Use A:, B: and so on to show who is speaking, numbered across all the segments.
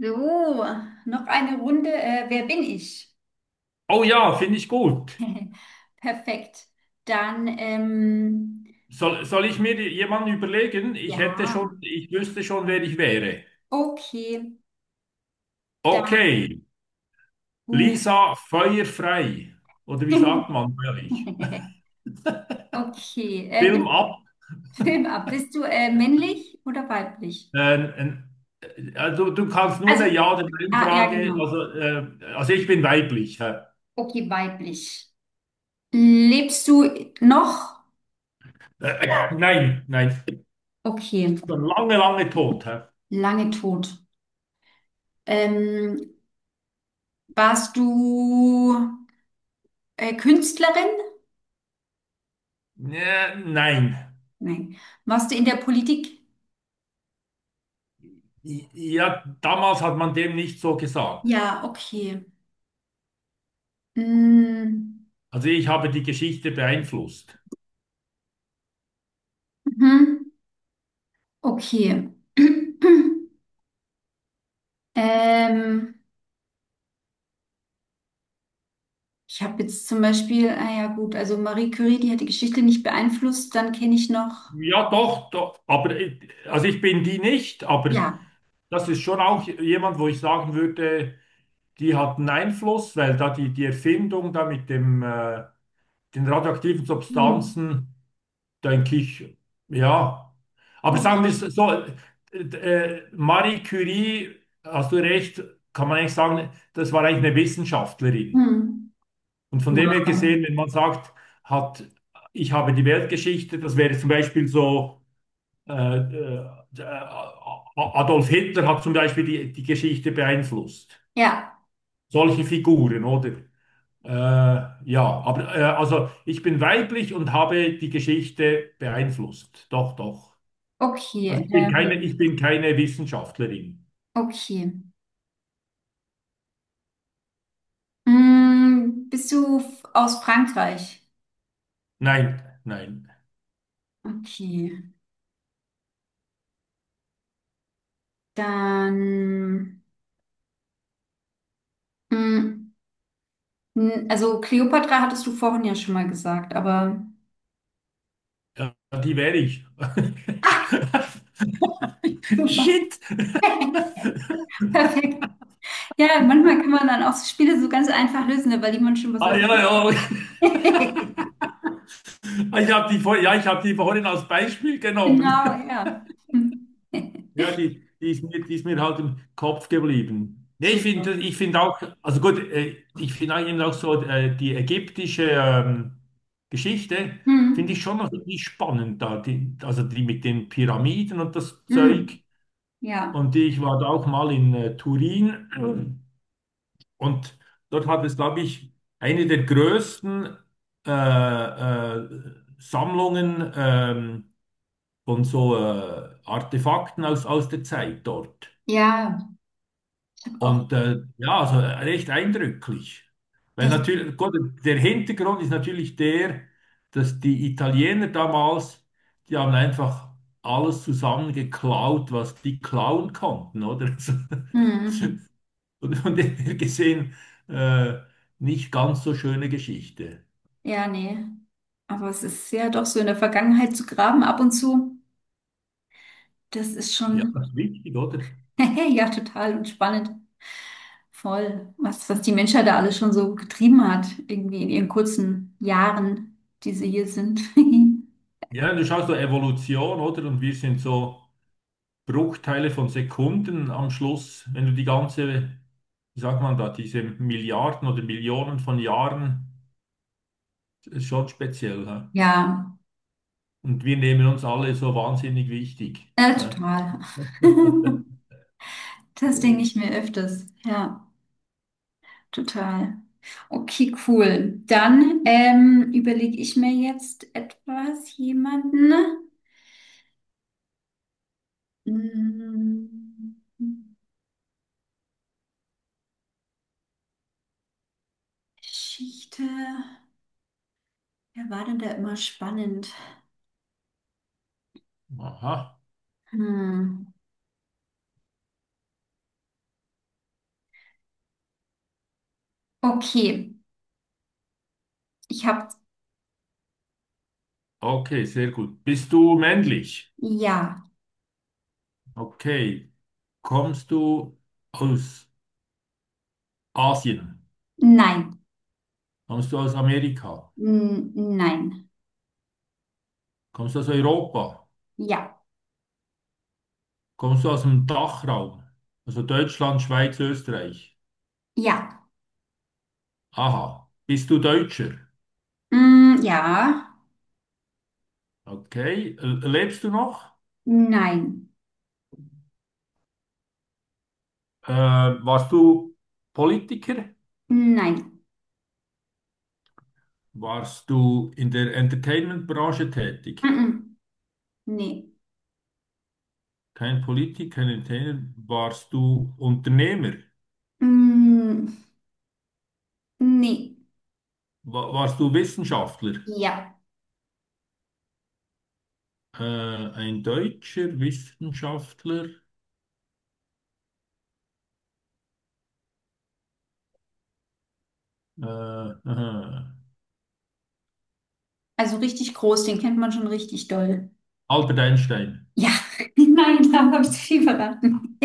A: So, noch eine Runde. Wer bin ich?
B: Oh ja, finde ich gut.
A: Perfekt. Dann, ähm,
B: Soll ich mir jemanden überlegen?
A: ja,
B: Ich wüsste schon, wer ich wäre.
A: okay, dann
B: Okay,
A: gut.
B: Lisa feuerfrei. Oder wie sagt man bei euch?
A: Okay, bist,
B: Film ab.
A: Film ab. Bist du männlich oder weiblich?
B: Ähm, ähm, also, du kannst nur eine
A: Also,
B: Ja- oder
A: ah, ja,
B: Nein-Frage.
A: genau.
B: Also ich bin weiblich. Hä?
A: Okay, weiblich. Lebst du noch?
B: Nein, nein.
A: Okay,
B: Schon lange, lange tot. Hä?
A: lange tot. Ähm, Warst du Künstlerin?
B: Nein.
A: Nein. Warst du in der Politik?
B: Ja, damals hat man dem nicht so gesagt.
A: Ja, okay. Mm,
B: Also ich habe die Geschichte beeinflusst.
A: mhm. Okay. Ähm, Ich habe jetzt zum Beispiel, ah ja gut, also Marie Curie, die hat die Geschichte nicht beeinflusst, dann kenne ich noch,
B: Ja, doch, doch, aber also ich bin die nicht, aber
A: ja.
B: das ist schon auch jemand, wo ich sagen würde, die hat einen Einfluss, weil da die Erfindung da mit dem, den radioaktiven
A: Hm.
B: Substanzen, denke ich, ja. Aber sagen wir es
A: Okay.
B: so, Marie Curie, hast du recht, kann man eigentlich sagen, das war eigentlich eine Wissenschaftlerin.
A: Hm.
B: Und von dem her
A: Genau.
B: gesehen, wenn man sagt, hat, ich habe die Weltgeschichte, das wäre zum Beispiel so. Äh, äh, Adolf Hitler hat zum Beispiel die Geschichte beeinflusst.
A: Ja,
B: Solche Figuren, oder? Äh, ja, aber also ich bin weiblich und habe die Geschichte beeinflusst. Doch, doch.
A: okay.
B: Ich bin keine Wissenschaftlerin.
A: Okay. Mm, bist du f- aus Frankreich?
B: Nein, nein.
A: Okay. Dann, mm, n- also Kleopatra hattest du vorhin ja schon mal gesagt, aber
B: Ja, die wäre ich. Shit.
A: Perfekt. Ja, manchmal kann man dann auch so Spiele so ganz einfach lösen, ne, weil die man schon was
B: Ah,
A: hat.
B: ja, ja. Ich habe die, vor- Ja, ich hab die vorhin als Beispiel genommen.
A: Genau, ja. Hm.
B: Ja, die ist mir halt im Kopf geblieben. Nee,
A: Super.
B: ich finde auch, also gut, ich finde eben auch so die ägyptische Geschichte,
A: Hm.
B: finde ich schon noch irgendwie spannend da, die, also die mit den Pyramiden und das
A: Hm.
B: Zeug.
A: Ja.
B: Und ich war da auch mal in Turin und dort hat es, glaube ich, eine der größten äh, äh, Sammlungen von so Artefakten aus der Zeit dort.
A: Ja, auch
B: Und ja, also recht eindrücklich. Weil
A: das.
B: natürlich, gut, der Hintergrund ist natürlich der, dass die Italiener damals, die haben einfach alles zusammengeklaut, was die klauen konnten, oder? Also,
A: Hm.
B: und von dem her gesehen, äh, nicht ganz so schöne Geschichte.
A: Ja, nee. Aber es ist ja doch so in der Vergangenheit zu graben ab und zu. Das ist
B: Ja,
A: schon,
B: das ist wichtig, oder?
A: ja, total und spannend. Voll. Was die Menschheit da alles schon so getrieben hat, irgendwie in ihren kurzen Jahren, die sie hier sind.
B: Ja, du schaust so Evolution, oder? Und wir sind so. Bruchteile von Sekunden am Schluss, wenn du die ganze, wie sagt man da, diese Milliarden oder Millionen von Jahren, das ist schon speziell, hä?
A: Ja.
B: Und wir nehmen uns alle so wahnsinnig wichtig,
A: Ja,
B: hä?
A: total. Das denke ich mir öfters. Ja, total. Okay, cool. Dann überlege ich mir jetzt etwas, jemanden. Hm, Geschichte. Wer war denn da immer spannend?
B: Aha,
A: Hm. Okay, ich habe
B: okay, sehr gut. Bist du männlich?
A: ja,
B: Okay. Kommst du aus Asien?
A: nein,
B: Kommst du aus Amerika?
A: N nein,
B: Kommst du aus Europa?
A: ja,
B: Kommst du aus dem Dachraum? Also Deutschland, Schweiz, Österreich.
A: ja,
B: Aha. Bist du Deutscher?
A: mm, ja,
B: Okay. L- Lebst du noch?
A: nein,
B: Äh, Warst du Politiker?
A: nein,
B: Warst du in der Entertainment-Branche tätig?
A: mm, mm, nee.
B: Kein Politiker, kein Entertainer. Warst du Unternehmer?
A: Mm, nee,
B: Warst du Wissenschaftler?
A: ja.
B: Äh, ein deutscher Wissenschaftler? Aha.
A: Also richtig groß, den kennt man schon richtig doll.
B: Albert Einstein.
A: Ja, nein, da habe ich zu viel verraten.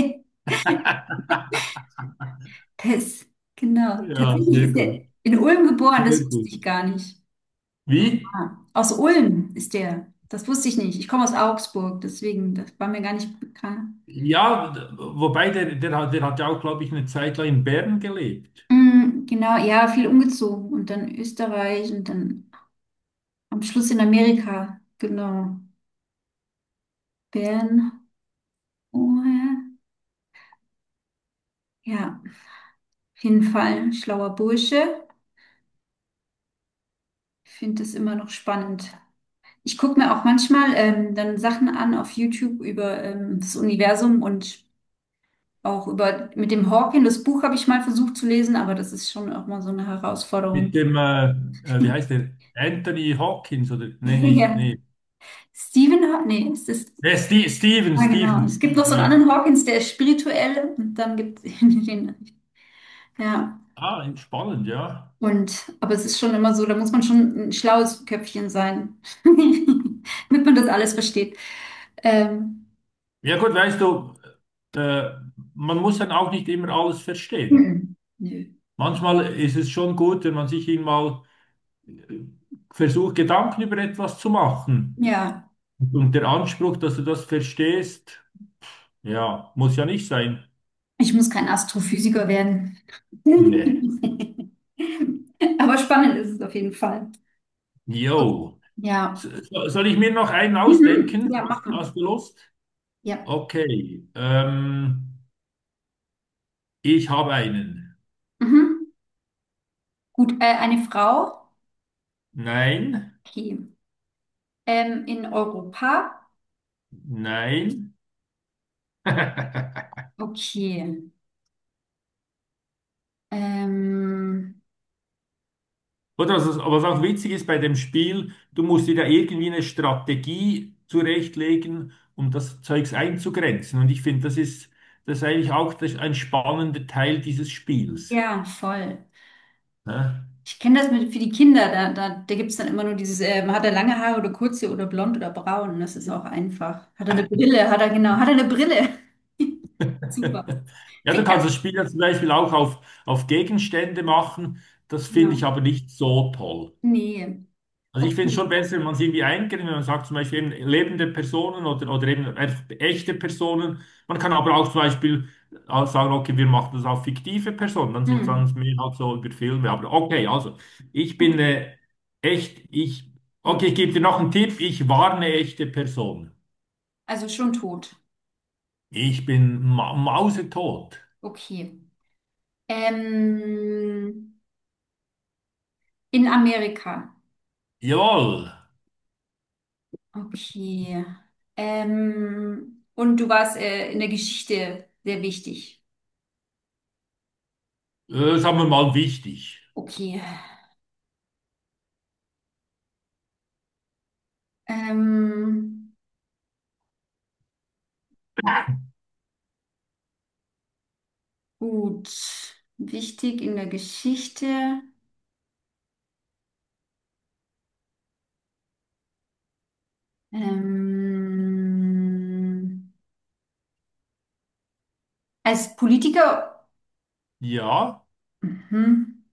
A: Pess, genau.
B: Ja,
A: Tatsächlich
B: sehr
A: ist er
B: gut.
A: in Ulm geboren, das
B: Sehr
A: wusste
B: gut.
A: ich gar nicht. So
B: Wie?
A: nah. Aus Ulm ist der. Das wusste ich nicht. Ich komme aus Augsburg, deswegen, das war mir gar nicht bekannt.
B: Ja, wobei der hat ja auch, glaube ich, eine Zeit lang in Bern gelebt.
A: Mm, genau, ja, viel umgezogen und dann Österreich und dann am Schluss in Amerika. Genau. Bern. Oh, ja. Ja, auf jeden Fall ein schlauer Bursche. Ich finde das immer noch spannend. Ich gucke mir auch manchmal dann Sachen an auf YouTube über das Universum und auch über mit dem Hawking. Das Buch habe ich mal versucht zu lesen, aber das ist schon auch mal so eine
B: Mit
A: Herausforderung.
B: dem, wie heißt der? Anthony Hawkins oder? Nee, nicht,
A: Ja.
B: nee.
A: Stephen Haw- nee, es ist,
B: Nee, Steven,
A: ah, genau. Es gibt
B: Steven,
A: noch so einen
B: ja.
A: anderen Hawkins, der ist spirituell und dann gibt es den, ja.
B: Ah, spannend, ja.
A: Und, aber es ist schon immer so, da muss man schon ein schlaues Köpfchen sein, damit man das alles versteht. Ähm,
B: Ja gut, weißt du, äh, man muss dann auch nicht immer alles verstehen.
A: mhm. Nö.
B: Manchmal ist es schon gut, wenn man sich eben mal äh, versucht, Gedanken über etwas zu machen.
A: Ja.
B: Und der Anspruch, dass du das verstehst, ja, muss ja nicht sein.
A: Ich muss kein Astrophysiker werden.
B: Nee.
A: Aber spannend ist es auf jeden Fall.
B: Jo.
A: Ja.
B: So, soll ich mir noch einen
A: Mhm.
B: ausdenken?
A: Ja, mach mal.
B: Hast du Lust?
A: Ja.
B: Okay, ich habe einen.
A: Mhm. Gut, eine Frau.
B: Nein,
A: Okay. In Europa.
B: nein.
A: Okay. Ähm,
B: Oder was auch witzig ist bei dem Spiel, du musst dir da irgendwie eine Strategie zurechtlegen, um das Zeugs einzugrenzen. Und ich finde, das ist eigentlich auch das, ein spannender Teil dieses Spiels,
A: ja, voll.
B: ne?
A: Ich kenne das mit, für die Kinder. Da gibt es dann immer nur dieses, hat er lange Haare oder kurze oder blond oder braun. Das ist auch einfach. Hat er eine Brille? Hat er genau. Hat er eine Brille? Super.
B: Ja, du
A: Kriegt er.
B: kannst das Spiel ja zum Beispiel auf Gegenstände machen. Das finde ich
A: Genau.
B: aber nicht so toll.
A: Nee.
B: Also ich finde schon
A: Okay.
B: besser, wenn man es irgendwie eingrenzt, wenn man sagt zum Beispiel eben lebende Personen oder eben einfach echte Personen. Man kann aber auch zum Beispiel auch sagen, okay, wir machen das auf fiktive Personen, dann sind
A: Hm.
B: es mehr halt so über Filme. Aber okay, also ich bin
A: Gut.
B: echt, ich,
A: Hm.
B: okay, ich gebe dir noch einen Tipp, ich war eine echte Person.
A: Also schon tot.
B: Ich bin ma mausetot.
A: Okay. Ähm, in Amerika.
B: Jawohl,
A: Okay. Und du warst in der Geschichte sehr wichtig.
B: sagen wir mal wichtig.
A: Okay. Ähm, gut. Wichtig in der Geschichte. Ähm, als Politiker.
B: Ja,
A: Mhm.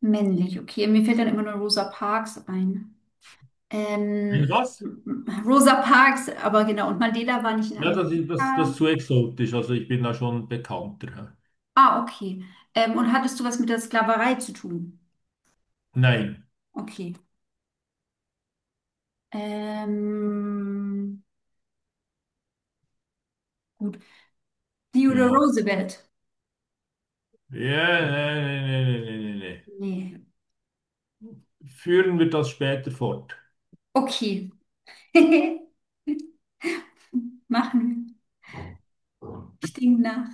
A: Männlich. Okay. Mir fällt dann immer nur Rosa Parks ein.
B: wenn
A: Ähm,
B: was?
A: Rosa Parks, aber genau, und Mandela war nicht in
B: Ja,
A: Amerika.
B: das ist zu exotisch, also ich bin da schon bekannter, hä?
A: Ah, okay. Und hattest du was mit der Sklaverei zu tun?
B: Nein.
A: Okay. Ähm, gut. Theodore
B: Ja.
A: Roosevelt?
B: Ja, nee, nee, nee, nee, nee, nee, nee.
A: Nee.
B: Führen wir das später fort.
A: Okay. Machen wir. Ich denke nach.